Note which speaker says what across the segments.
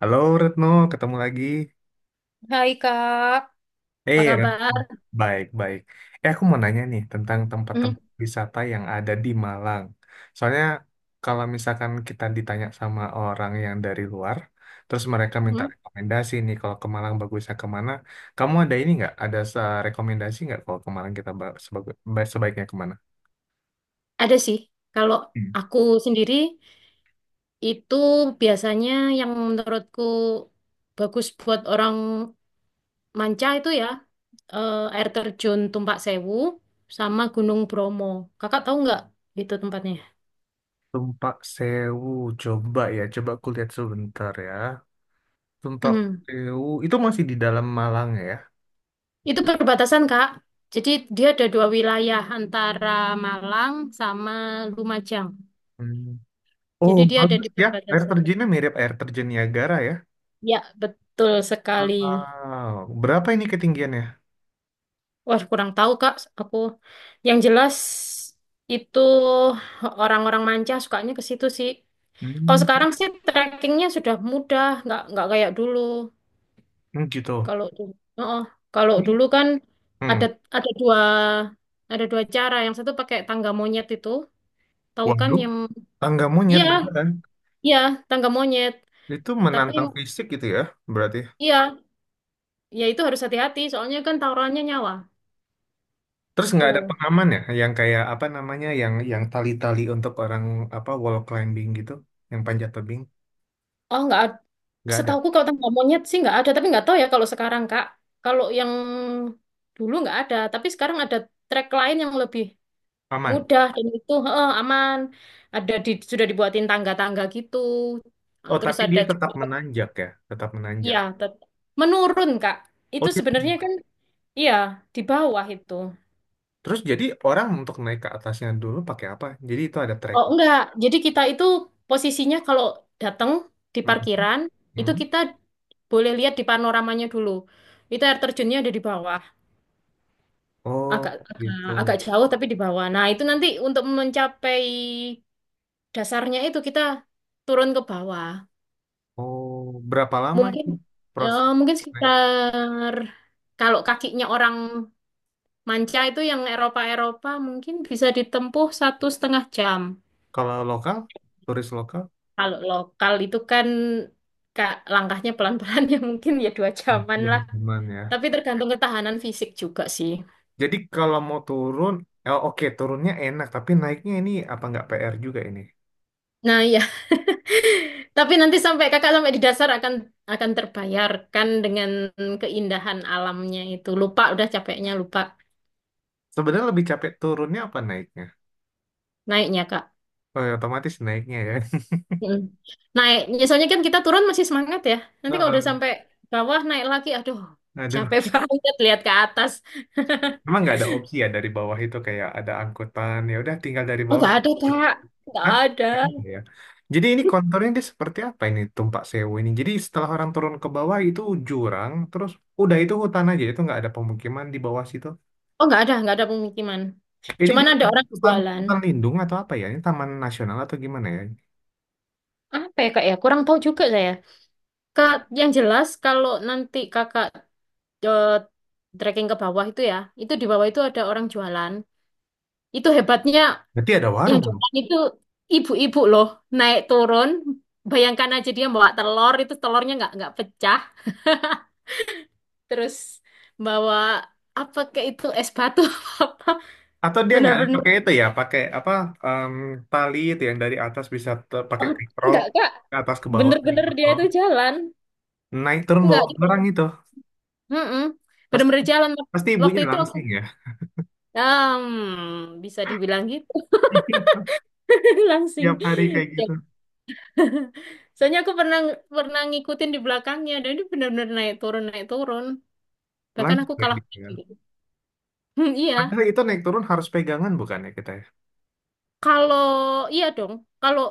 Speaker 1: Halo Retno, ketemu lagi.
Speaker 2: Hai Kak, apa
Speaker 1: Eh, Retno.
Speaker 2: kabar?
Speaker 1: Baik, baik. Eh, aku mau nanya nih tentang
Speaker 2: Hmm,
Speaker 1: tempat-tempat wisata yang ada di Malang. Soalnya kalau misalkan kita ditanya sama orang yang dari luar, terus mereka minta
Speaker 2: hmm.
Speaker 1: rekomendasi nih kalau ke Malang bagusnya kemana, kamu ada ini nggak? Ada rekomendasi nggak kalau ke Malang kita sebaiknya kemana?
Speaker 2: Ada sih. Kalau
Speaker 1: Hmm.
Speaker 2: aku sendiri itu biasanya yang menurutku bagus buat orang manca itu ya air terjun Tumpak Sewu sama Gunung Bromo. Kakak tahu nggak itu tempatnya?
Speaker 1: Tumpak Sewu, coba ya, coba aku lihat sebentar ya. Tumpak
Speaker 2: Hmm.
Speaker 1: Sewu, itu masih di dalam Malang ya?
Speaker 2: Itu perbatasan Kak. Jadi dia ada dua wilayah antara Malang sama Lumajang.
Speaker 1: Hmm. Oh,
Speaker 2: Jadi dia ada
Speaker 1: bagus
Speaker 2: di
Speaker 1: ya. Air
Speaker 2: perbatasan.
Speaker 1: terjunnya mirip air terjun Niagara ya.
Speaker 2: Ya, betul sekali.
Speaker 1: Wow. Berapa ini ketinggiannya?
Speaker 2: Wah, kurang tahu, Kak. Aku yang jelas itu orang-orang manca sukanya ke situ sih. Kalau
Speaker 1: Hmm,
Speaker 2: sekarang sih trekkingnya sudah mudah, nggak kayak dulu.
Speaker 1: hmm, gitu.
Speaker 2: Kalau dulu, oh, kalau dulu kan ada
Speaker 1: Hmm.
Speaker 2: ada ada dua cara. Yang satu pakai tangga monyet itu, tahu kan
Speaker 1: Waduh,
Speaker 2: yang
Speaker 1: tangga
Speaker 2: iya
Speaker 1: monyet beneran.
Speaker 2: iya tangga monyet.
Speaker 1: Itu
Speaker 2: Tapi
Speaker 1: menantang fisik gitu ya, berarti.
Speaker 2: iya, ya itu harus hati-hati. Soalnya kan taruhannya nyawa.
Speaker 1: Terus nggak ada
Speaker 2: Tuh,
Speaker 1: pengaman ya, yang kayak apa namanya, yang tali-tali untuk orang apa wall climbing gitu, yang panjat tebing,
Speaker 2: oh nggak.
Speaker 1: nggak ada.
Speaker 2: Setauku kalau tangga monyet sih nggak ada, tapi nggak tahu ya kalau sekarang Kak. Kalau yang dulu nggak ada, tapi sekarang ada trek lain yang lebih
Speaker 1: Aman.
Speaker 2: mudah dan itu heeh, aman. Ada di, sudah dibuatin tangga-tangga gitu. Nah,
Speaker 1: Oh,
Speaker 2: terus
Speaker 1: tapi
Speaker 2: ada
Speaker 1: dia tetap
Speaker 2: juga,
Speaker 1: menanjak ya, tetap menanjak.
Speaker 2: iya, tet- menurun Kak.
Speaker 1: Oh,
Speaker 2: Itu
Speaker 1: dia.
Speaker 2: sebenarnya kan, iya di bawah itu.
Speaker 1: Terus jadi orang untuk naik ke atasnya dulu pakai apa? Jadi itu ada trek.
Speaker 2: Oh enggak, jadi kita itu posisinya kalau datang di parkiran itu
Speaker 1: Mhm.
Speaker 2: kita boleh lihat di panoramanya dulu. Itu air terjunnya ada di bawah. Agak
Speaker 1: Oh,
Speaker 2: agak
Speaker 1: gitu.
Speaker 2: agak jauh tapi di bawah. Nah, itu nanti untuk mencapai dasarnya itu kita turun ke bawah.
Speaker 1: Oh, berapa lama
Speaker 2: Mungkin
Speaker 1: itu proses?
Speaker 2: mungkin
Speaker 1: Naik?
Speaker 2: sekitar kalau kakinya orang manca itu yang Eropa-Eropa mungkin bisa ditempuh satu setengah jam.
Speaker 1: Kalau lokal, turis lokal,
Speaker 2: Kalau lokal itu kan Kak, langkahnya pelan-pelan ya mungkin ya dua
Speaker 1: ah,
Speaker 2: jaman
Speaker 1: dua
Speaker 2: lah.
Speaker 1: bulan ya.
Speaker 2: Tapi tergantung ketahanan fisik juga sih.
Speaker 1: Jadi kalau mau turun, oh, oke turunnya enak, tapi naiknya ini apa nggak PR juga ini?
Speaker 2: Nah, ya. Tapi nanti sampai kakak sampai di dasar akan terbayarkan dengan keindahan alamnya itu. Lupa udah capeknya lupa
Speaker 1: Sebenarnya lebih capek turunnya apa naiknya?
Speaker 2: naiknya kak.
Speaker 1: Oh, ya, otomatis naiknya ya.
Speaker 2: Mm. Naik, biasanya kan kita turun masih semangat ya. Nanti kalau udah
Speaker 1: Heeh.
Speaker 2: sampai bawah naik lagi, aduh
Speaker 1: Aduh,
Speaker 2: capek banget lihat ke atas.
Speaker 1: emang nggak ada opsi ya dari bawah itu kayak ada angkutan, ya udah tinggal dari
Speaker 2: Oh
Speaker 1: bawah.
Speaker 2: nggak ada kak, nggak
Speaker 1: Hah?
Speaker 2: ada.
Speaker 1: Nggak ada ya. Jadi ini konturnya dia seperti apa ini Tumpak Sewu ini? Jadi setelah orang turun ke bawah itu jurang, terus udah itu hutan aja, itu nggak ada pemukiman di bawah situ.
Speaker 2: Oh nggak ada pemukiman.
Speaker 1: Ini
Speaker 2: Cuman
Speaker 1: dia
Speaker 2: ada orang
Speaker 1: hutan
Speaker 2: jualan.
Speaker 1: hutan lindung atau apa ya? Ini taman nasional atau gimana ya?
Speaker 2: Apa ya kak ya? Kurang tahu juga saya. Kak, yang jelas kalau nanti kakak eh, trekking ke bawah itu ya, itu di bawah itu ada orang jualan. Itu hebatnya
Speaker 1: Berarti ada
Speaker 2: yang
Speaker 1: warung dong.
Speaker 2: jualan itu ibu-ibu loh, naik turun. Bayangkan aja dia bawa telur, itu telurnya nggak pecah. Terus bawa apa ke itu es batu apa?
Speaker 1: Atau dia nggak ada
Speaker 2: Bener-bener.
Speaker 1: pakai itu ya, pakai apa em, tali itu yang dari atas bisa pakai
Speaker 2: Oh,
Speaker 1: katrol
Speaker 2: enggak kak,
Speaker 1: ke atas ke bawah dari
Speaker 2: bener-bener dia
Speaker 1: katrol.
Speaker 2: itu jalan.
Speaker 1: Naik turun bawa
Speaker 2: Enggak,
Speaker 1: barang
Speaker 2: dia
Speaker 1: itu.
Speaker 2: mm-mm,
Speaker 1: Pasti
Speaker 2: bener-bener jalan.
Speaker 1: pasti
Speaker 2: Waktu
Speaker 1: ibunya
Speaker 2: itu aku,
Speaker 1: langsing ya.
Speaker 2: hmm, bisa dibilang gitu, langsing.
Speaker 1: Tiap hari kayak
Speaker 2: Ya.
Speaker 1: gitu.
Speaker 2: Soalnya aku pernah pernah ngikutin di belakangnya dan dia benar-benar naik turun naik turun. Bahkan
Speaker 1: Lanjut
Speaker 2: aku kalah.
Speaker 1: ya.
Speaker 2: Hmm, iya.
Speaker 1: Padahal itu naik turun harus pegangan bukan ya kita ya?
Speaker 2: Kalau iya dong. Kalau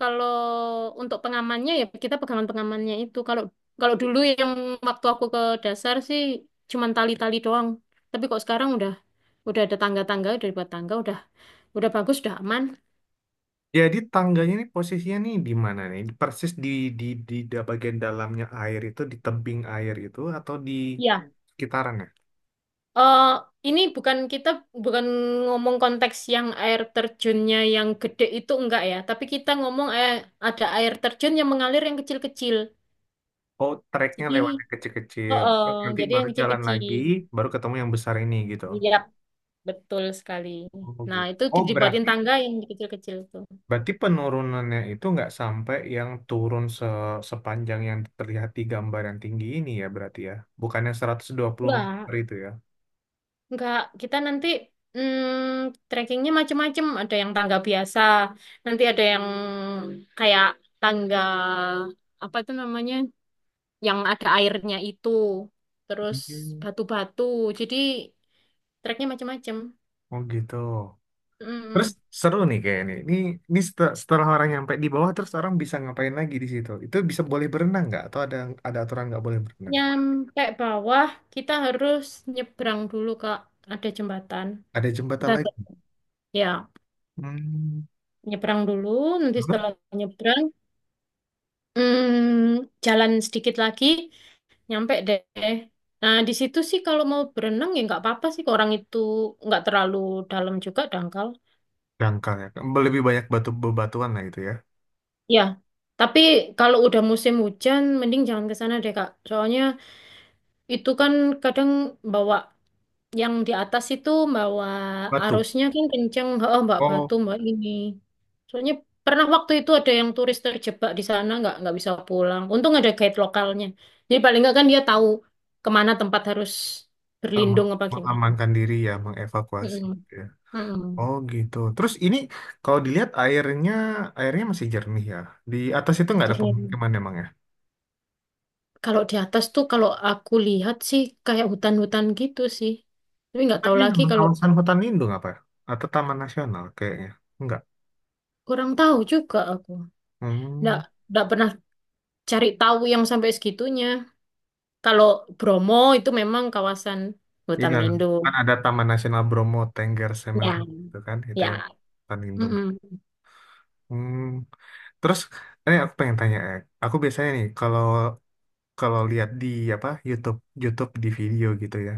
Speaker 2: kalau untuk pengamannya ya kita pegangan pengamannya itu. Kalau kalau dulu yang waktu aku ke dasar sih cuman tali-tali doang. Tapi kok sekarang udah ada tangga-tangga, udah dibuat tangga, udah bagus, udah aman.
Speaker 1: Jadi tangganya ini posisinya nih di mana nih? Persis bagian dalamnya air itu di tebing air itu atau di
Speaker 2: Iya
Speaker 1: sekitaran ya?
Speaker 2: eh ini bukan kita bukan ngomong konteks yang air terjunnya yang gede itu enggak ya, tapi kita ngomong ada air terjun yang mengalir yang kecil-kecil.
Speaker 1: Oh, treknya
Speaker 2: Jadi,
Speaker 1: lewat yang
Speaker 2: oh,
Speaker 1: kecil-kecil.
Speaker 2: oh,
Speaker 1: Terus nanti
Speaker 2: jadi
Speaker 1: baru
Speaker 2: yang
Speaker 1: jalan lagi,
Speaker 2: kecil-kecil.
Speaker 1: baru ketemu yang besar ini gitu.
Speaker 2: Iya, betul sekali.
Speaker 1: Oh,
Speaker 2: Nah,
Speaker 1: gitu.
Speaker 2: itu
Speaker 1: Oh,
Speaker 2: ki- dibuatin
Speaker 1: berarti
Speaker 2: tangga yang kecil-kecil itu.
Speaker 1: berarti penurunannya itu nggak sampai yang turun sepanjang yang terlihat di gambar yang tinggi ini ya berarti ya. Bukannya 120 meter
Speaker 2: Enggak,
Speaker 1: itu ya.
Speaker 2: enggak. Kita nanti hmm, trekkingnya macem-macem. Ada yang tangga biasa, nanti ada yang kayak tangga apa itu namanya? Yang ada airnya itu terus
Speaker 1: Hmm.
Speaker 2: batu-batu jadi treknya macam-macam.
Speaker 1: Oh gitu. Terus
Speaker 2: Mm.
Speaker 1: seru nih kayaknya nih. Ini setelah orang nyampe di bawah terus orang bisa ngapain lagi di situ? Itu bisa boleh berenang nggak? Atau ada aturan nggak boleh berenang?
Speaker 2: Nyampe bawah kita harus nyebrang dulu Kak, ada jembatan,
Speaker 1: Ada jembatan
Speaker 2: kita
Speaker 1: lagi.
Speaker 2: ya
Speaker 1: Hmm,
Speaker 2: nyebrang dulu nanti
Speaker 1: terus
Speaker 2: setelah nyebrang jalan sedikit lagi nyampe deh. Nah di situ sih kalau mau berenang ya nggak apa-apa sih, orang itu nggak terlalu dalam juga, dangkal
Speaker 1: dangkal ya. Lebih banyak batu bebatuan lah itu ya.
Speaker 2: ya. Tapi kalau udah musim hujan, mending jangan ke sana deh, Kak. Soalnya itu kan kadang bawa yang di atas itu bawa
Speaker 1: Batu.
Speaker 2: arusnya kan kenceng, oh, Mbak Batu,
Speaker 1: Oh,
Speaker 2: Mbak ini. Soalnya pernah waktu itu ada yang turis terjebak di sana nggak bisa pulang. Untung ada guide lokalnya. Jadi paling nggak kan dia tahu kemana tempat harus
Speaker 1: em,
Speaker 2: berlindung apa gimana.
Speaker 1: mengamankan diri ya, mengevakuasi
Speaker 2: Mm-mm.
Speaker 1: gitu ya.
Speaker 2: Mm-mm.
Speaker 1: Oh gitu. Terus ini kalau dilihat airnya airnya masih jernih ya. Di atas itu nggak ada
Speaker 2: Jadi
Speaker 1: pemukiman emang ya?
Speaker 2: kalau di atas tuh kalau aku lihat sih kayak hutan-hutan gitu sih. Tapi nggak
Speaker 1: Atau
Speaker 2: tahu
Speaker 1: ini
Speaker 2: lagi
Speaker 1: memang
Speaker 2: kalau
Speaker 1: kawasan hutan lindung apa ya? Atau taman nasional kayaknya? Enggak.
Speaker 2: kurang tahu juga aku. Nggak,
Speaker 1: Hmm.
Speaker 2: nggak pernah cari tahu yang sampai segitunya. Kalau Bromo itu memang kawasan hutan
Speaker 1: Iya,
Speaker 2: lindung.
Speaker 1: kan ada Taman Nasional Bromo Tengger Semeru,
Speaker 2: Ya,
Speaker 1: itu kan, itu yang
Speaker 2: ya.
Speaker 1: Tanjung.
Speaker 2: Mm-mm.
Speaker 1: Hmm. Terus, ini aku pengen tanya, aku biasanya nih kalau kalau lihat di apa YouTube YouTube di video gitu ya,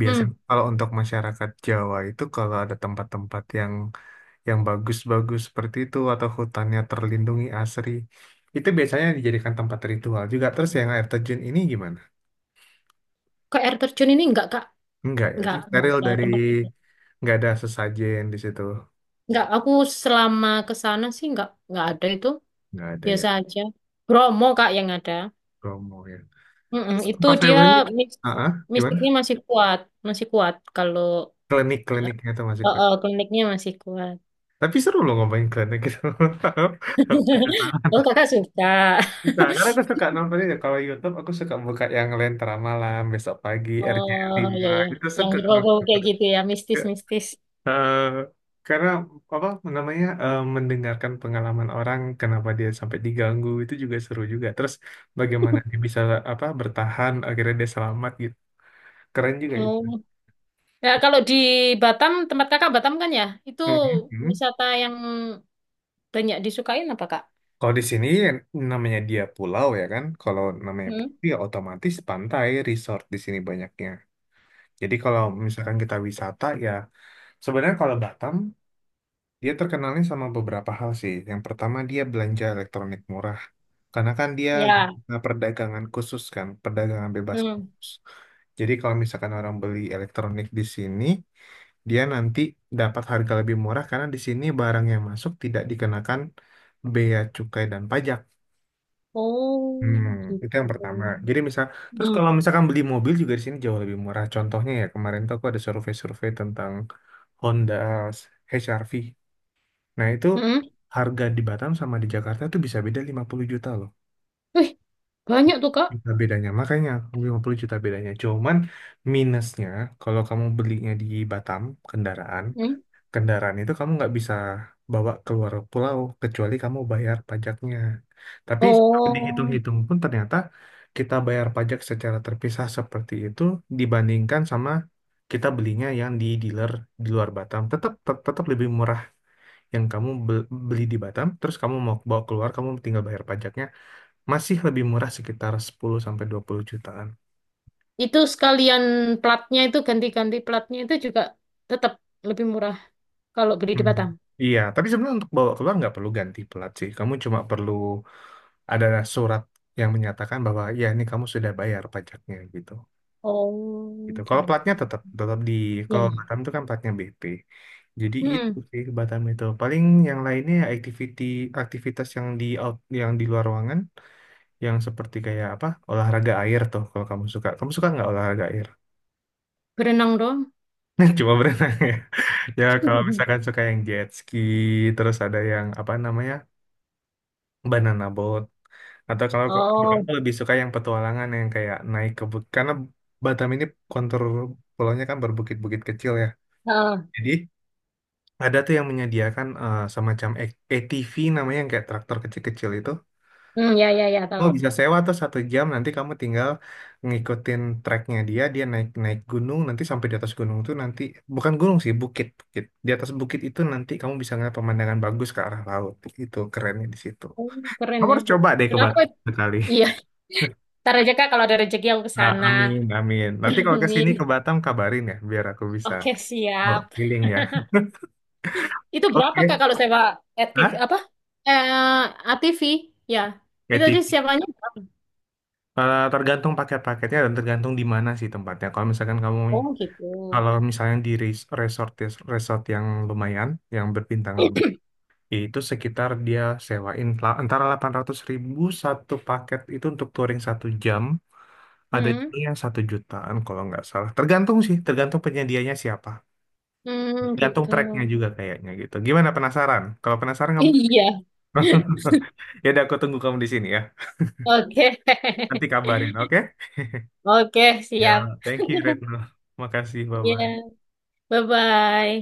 Speaker 1: biasanya
Speaker 2: Hmm,
Speaker 1: kalau untuk masyarakat Jawa itu kalau ada tempat-tempat yang bagus-bagus seperti itu atau hutannya terlindungi asri, itu biasanya dijadikan tempat ritual juga. Terus yang air terjun ini gimana?
Speaker 2: ke air terjun ini enggak, Kak.
Speaker 1: Enggak ya, terus
Speaker 2: Enggak
Speaker 1: steril
Speaker 2: ada
Speaker 1: dari
Speaker 2: tempat.
Speaker 1: nggak ada sesajen di situ,
Speaker 2: Enggak, aku selama ke sana sih enggak ada itu.
Speaker 1: nggak ada ya.
Speaker 2: Biasa aja. Bromo, Kak, yang ada.
Speaker 1: Promo ya.
Speaker 2: Mm-mm,
Speaker 1: Terus
Speaker 2: itu
Speaker 1: Pas
Speaker 2: dia
Speaker 1: Februari,
Speaker 2: mis-
Speaker 1: gimana?
Speaker 2: mistiknya masih kuat. Masih kuat kalau
Speaker 1: Klinik-kliniknya itu masih kuat.
Speaker 2: kliniknya masih kuat.
Speaker 1: Tapi seru loh ngomongin klinik gitu.
Speaker 2: Oh, Kakak suka.
Speaker 1: Nah, karena aku suka nonton itu. Kalau YouTube, aku suka buka yang Lentera Malam, Besok Pagi, rcl
Speaker 2: Oh iya
Speaker 1: lima
Speaker 2: iya,
Speaker 1: itu
Speaker 2: yang
Speaker 1: suka
Speaker 2: berbau
Speaker 1: nonton.
Speaker 2: kayak gitu ya, mistis-mistis.
Speaker 1: Eh, karena apa namanya mendengarkan pengalaman orang kenapa dia sampai diganggu itu juga seru juga, terus bagaimana dia bisa apa bertahan akhirnya dia selamat gitu, keren juga itu.
Speaker 2: Hmm. Ya kalau di Batam, tempat kakak Batam kan ya, itu
Speaker 1: Hmm, hmm.
Speaker 2: wisata yang banyak disukain apa kak?
Speaker 1: Kalau di sini namanya dia pulau ya kan. Kalau namanya
Speaker 2: Hmm.
Speaker 1: pulau ya otomatis pantai, resort di sini banyaknya. Jadi kalau misalkan kita wisata ya, sebenarnya kalau Batam dia terkenalnya sama beberapa hal sih. Yang pertama dia belanja elektronik murah. Karena kan dia
Speaker 2: Ya.
Speaker 1: zona perdagangan khusus kan, perdagangan bebas
Speaker 2: Hmm.
Speaker 1: khusus. Jadi kalau misalkan orang beli elektronik di sini, dia nanti dapat harga lebih murah karena di sini barang yang masuk tidak dikenakan bea cukai dan pajak.
Speaker 2: Oh
Speaker 1: Hmm,
Speaker 2: gitu.
Speaker 1: itu yang pertama. Jadi misal, terus
Speaker 2: Hmm.
Speaker 1: kalau misalkan beli mobil juga di sini jauh lebih murah. Contohnya ya kemarin tuh aku ada survei-survei tentang Honda HR-V. Nah itu
Speaker 2: Hmm.
Speaker 1: harga di Batam sama di Jakarta tuh bisa beda 50 juta loh.
Speaker 2: Wih banyak tuh kak.
Speaker 1: Juta bedanya. Makanya 50 juta bedanya. Cuman minusnya kalau kamu belinya di Batam kendaraan,
Speaker 2: Hmm.
Speaker 1: kendaraan itu kamu nggak bisa bawa keluar pulau kecuali kamu bayar pajaknya. Tapi
Speaker 2: Oh
Speaker 1: dihitung-hitung pun ternyata kita bayar pajak secara terpisah seperti itu, dibandingkan sama kita belinya yang di dealer di luar Batam tetap tetap lebih murah. Yang kamu beli di Batam terus kamu mau bawa keluar, kamu tinggal bayar pajaknya, masih lebih murah sekitar 10 sampai 20 jutaan.
Speaker 2: itu sekalian platnya itu ganti-ganti platnya itu juga tetap lebih murah kalau beli di
Speaker 1: Hmm.
Speaker 2: Batam.
Speaker 1: Iya, tapi sebenarnya untuk bawa keluar nggak perlu ganti pelat sih. Kamu cuma perlu ada surat yang menyatakan bahwa ya ini kamu sudah bayar pajaknya gitu. Gitu.
Speaker 2: Oh, gitu.
Speaker 1: Kalau platnya tetap tetap di
Speaker 2: Ya,
Speaker 1: kalau
Speaker 2: ya.
Speaker 1: Batam itu kan platnya BP. Jadi itu
Speaker 2: Hmm.
Speaker 1: sih Batam itu. Paling yang lainnya ya activity, aktivitas yang di out, yang di luar ruangan, yang seperti kayak apa? Olahraga air tuh kalau kamu suka. Kamu suka nggak olahraga air?
Speaker 2: Berenang dong.
Speaker 1: Cuma berenang ya. Ya, kalau misalkan suka yang jet ski, terus ada yang apa namanya? Banana boat. Atau kalau kok
Speaker 2: Oh,
Speaker 1: aku lebih suka yang petualangan yang kayak naik ke bukit, karena Batam ini kontur pulaunya kan berbukit-bukit kecil ya,
Speaker 2: heeh.
Speaker 1: jadi ada tuh yang menyediakan semacam ATV namanya yang kayak traktor kecil-kecil itu.
Speaker 2: Hmm, ya, ya, ya,
Speaker 1: Kamu
Speaker 2: tahu.
Speaker 1: bisa sewa tuh 1 jam, nanti kamu tinggal ngikutin treknya, dia dia naik naik gunung, nanti sampai di atas gunung tuh, nanti bukan gunung sih, bukit, bukit di atas bukit itu, nanti kamu bisa ngeliat pemandangan bagus ke arah laut. Itu kerennya di situ.
Speaker 2: Oh, keren
Speaker 1: Kamu
Speaker 2: ya.
Speaker 1: harus coba deh ke
Speaker 2: Kenapa?
Speaker 1: Batam sekali.
Speaker 2: Iya, ntar aja Kak kalau ada rezeki aku ke
Speaker 1: Nah,
Speaker 2: sana.
Speaker 1: amin, amin. Nanti kalau ke sini ke
Speaker 2: Amin.
Speaker 1: Batam kabarin ya, biar aku bisa
Speaker 2: Oke,
Speaker 1: bawa
Speaker 2: siap.
Speaker 1: keliling ya.
Speaker 2: Itu berapa Kak
Speaker 1: Oke.
Speaker 2: kalau sewa aktif
Speaker 1: Hah?
Speaker 2: apa? Eh, ATV, ya. Itu tadi
Speaker 1: ATV.
Speaker 2: sewanya berapa?
Speaker 1: Tergantung paket-paketnya dan tergantung di mana sih tempatnya. Kalau misalkan kamu,
Speaker 2: Oh, gitu.
Speaker 1: kalau misalnya di resort ya, resort yang lumayan, yang berbintang 5, itu sekitar dia sewain antara 800 ribu satu paket itu untuk touring 1 jam. Ada
Speaker 2: Hmm,
Speaker 1: juga yang 1 jutaan kalau nggak salah. Tergantung sih, tergantung penyedianya siapa.
Speaker 2: hmm,
Speaker 1: Tergantung
Speaker 2: gitu.
Speaker 1: tracknya juga kayaknya gitu. Gimana, penasaran? Kalau penasaran kamu.
Speaker 2: Iya.
Speaker 1: Ya udah aku tunggu kamu di sini ya.
Speaker 2: Oke.
Speaker 1: Nanti kabarin, oke?
Speaker 2: Oke, siap.
Speaker 1: Ya, thank you Retno. Makasih,
Speaker 2: Iya.
Speaker 1: bye-bye.
Speaker 2: Bye-bye.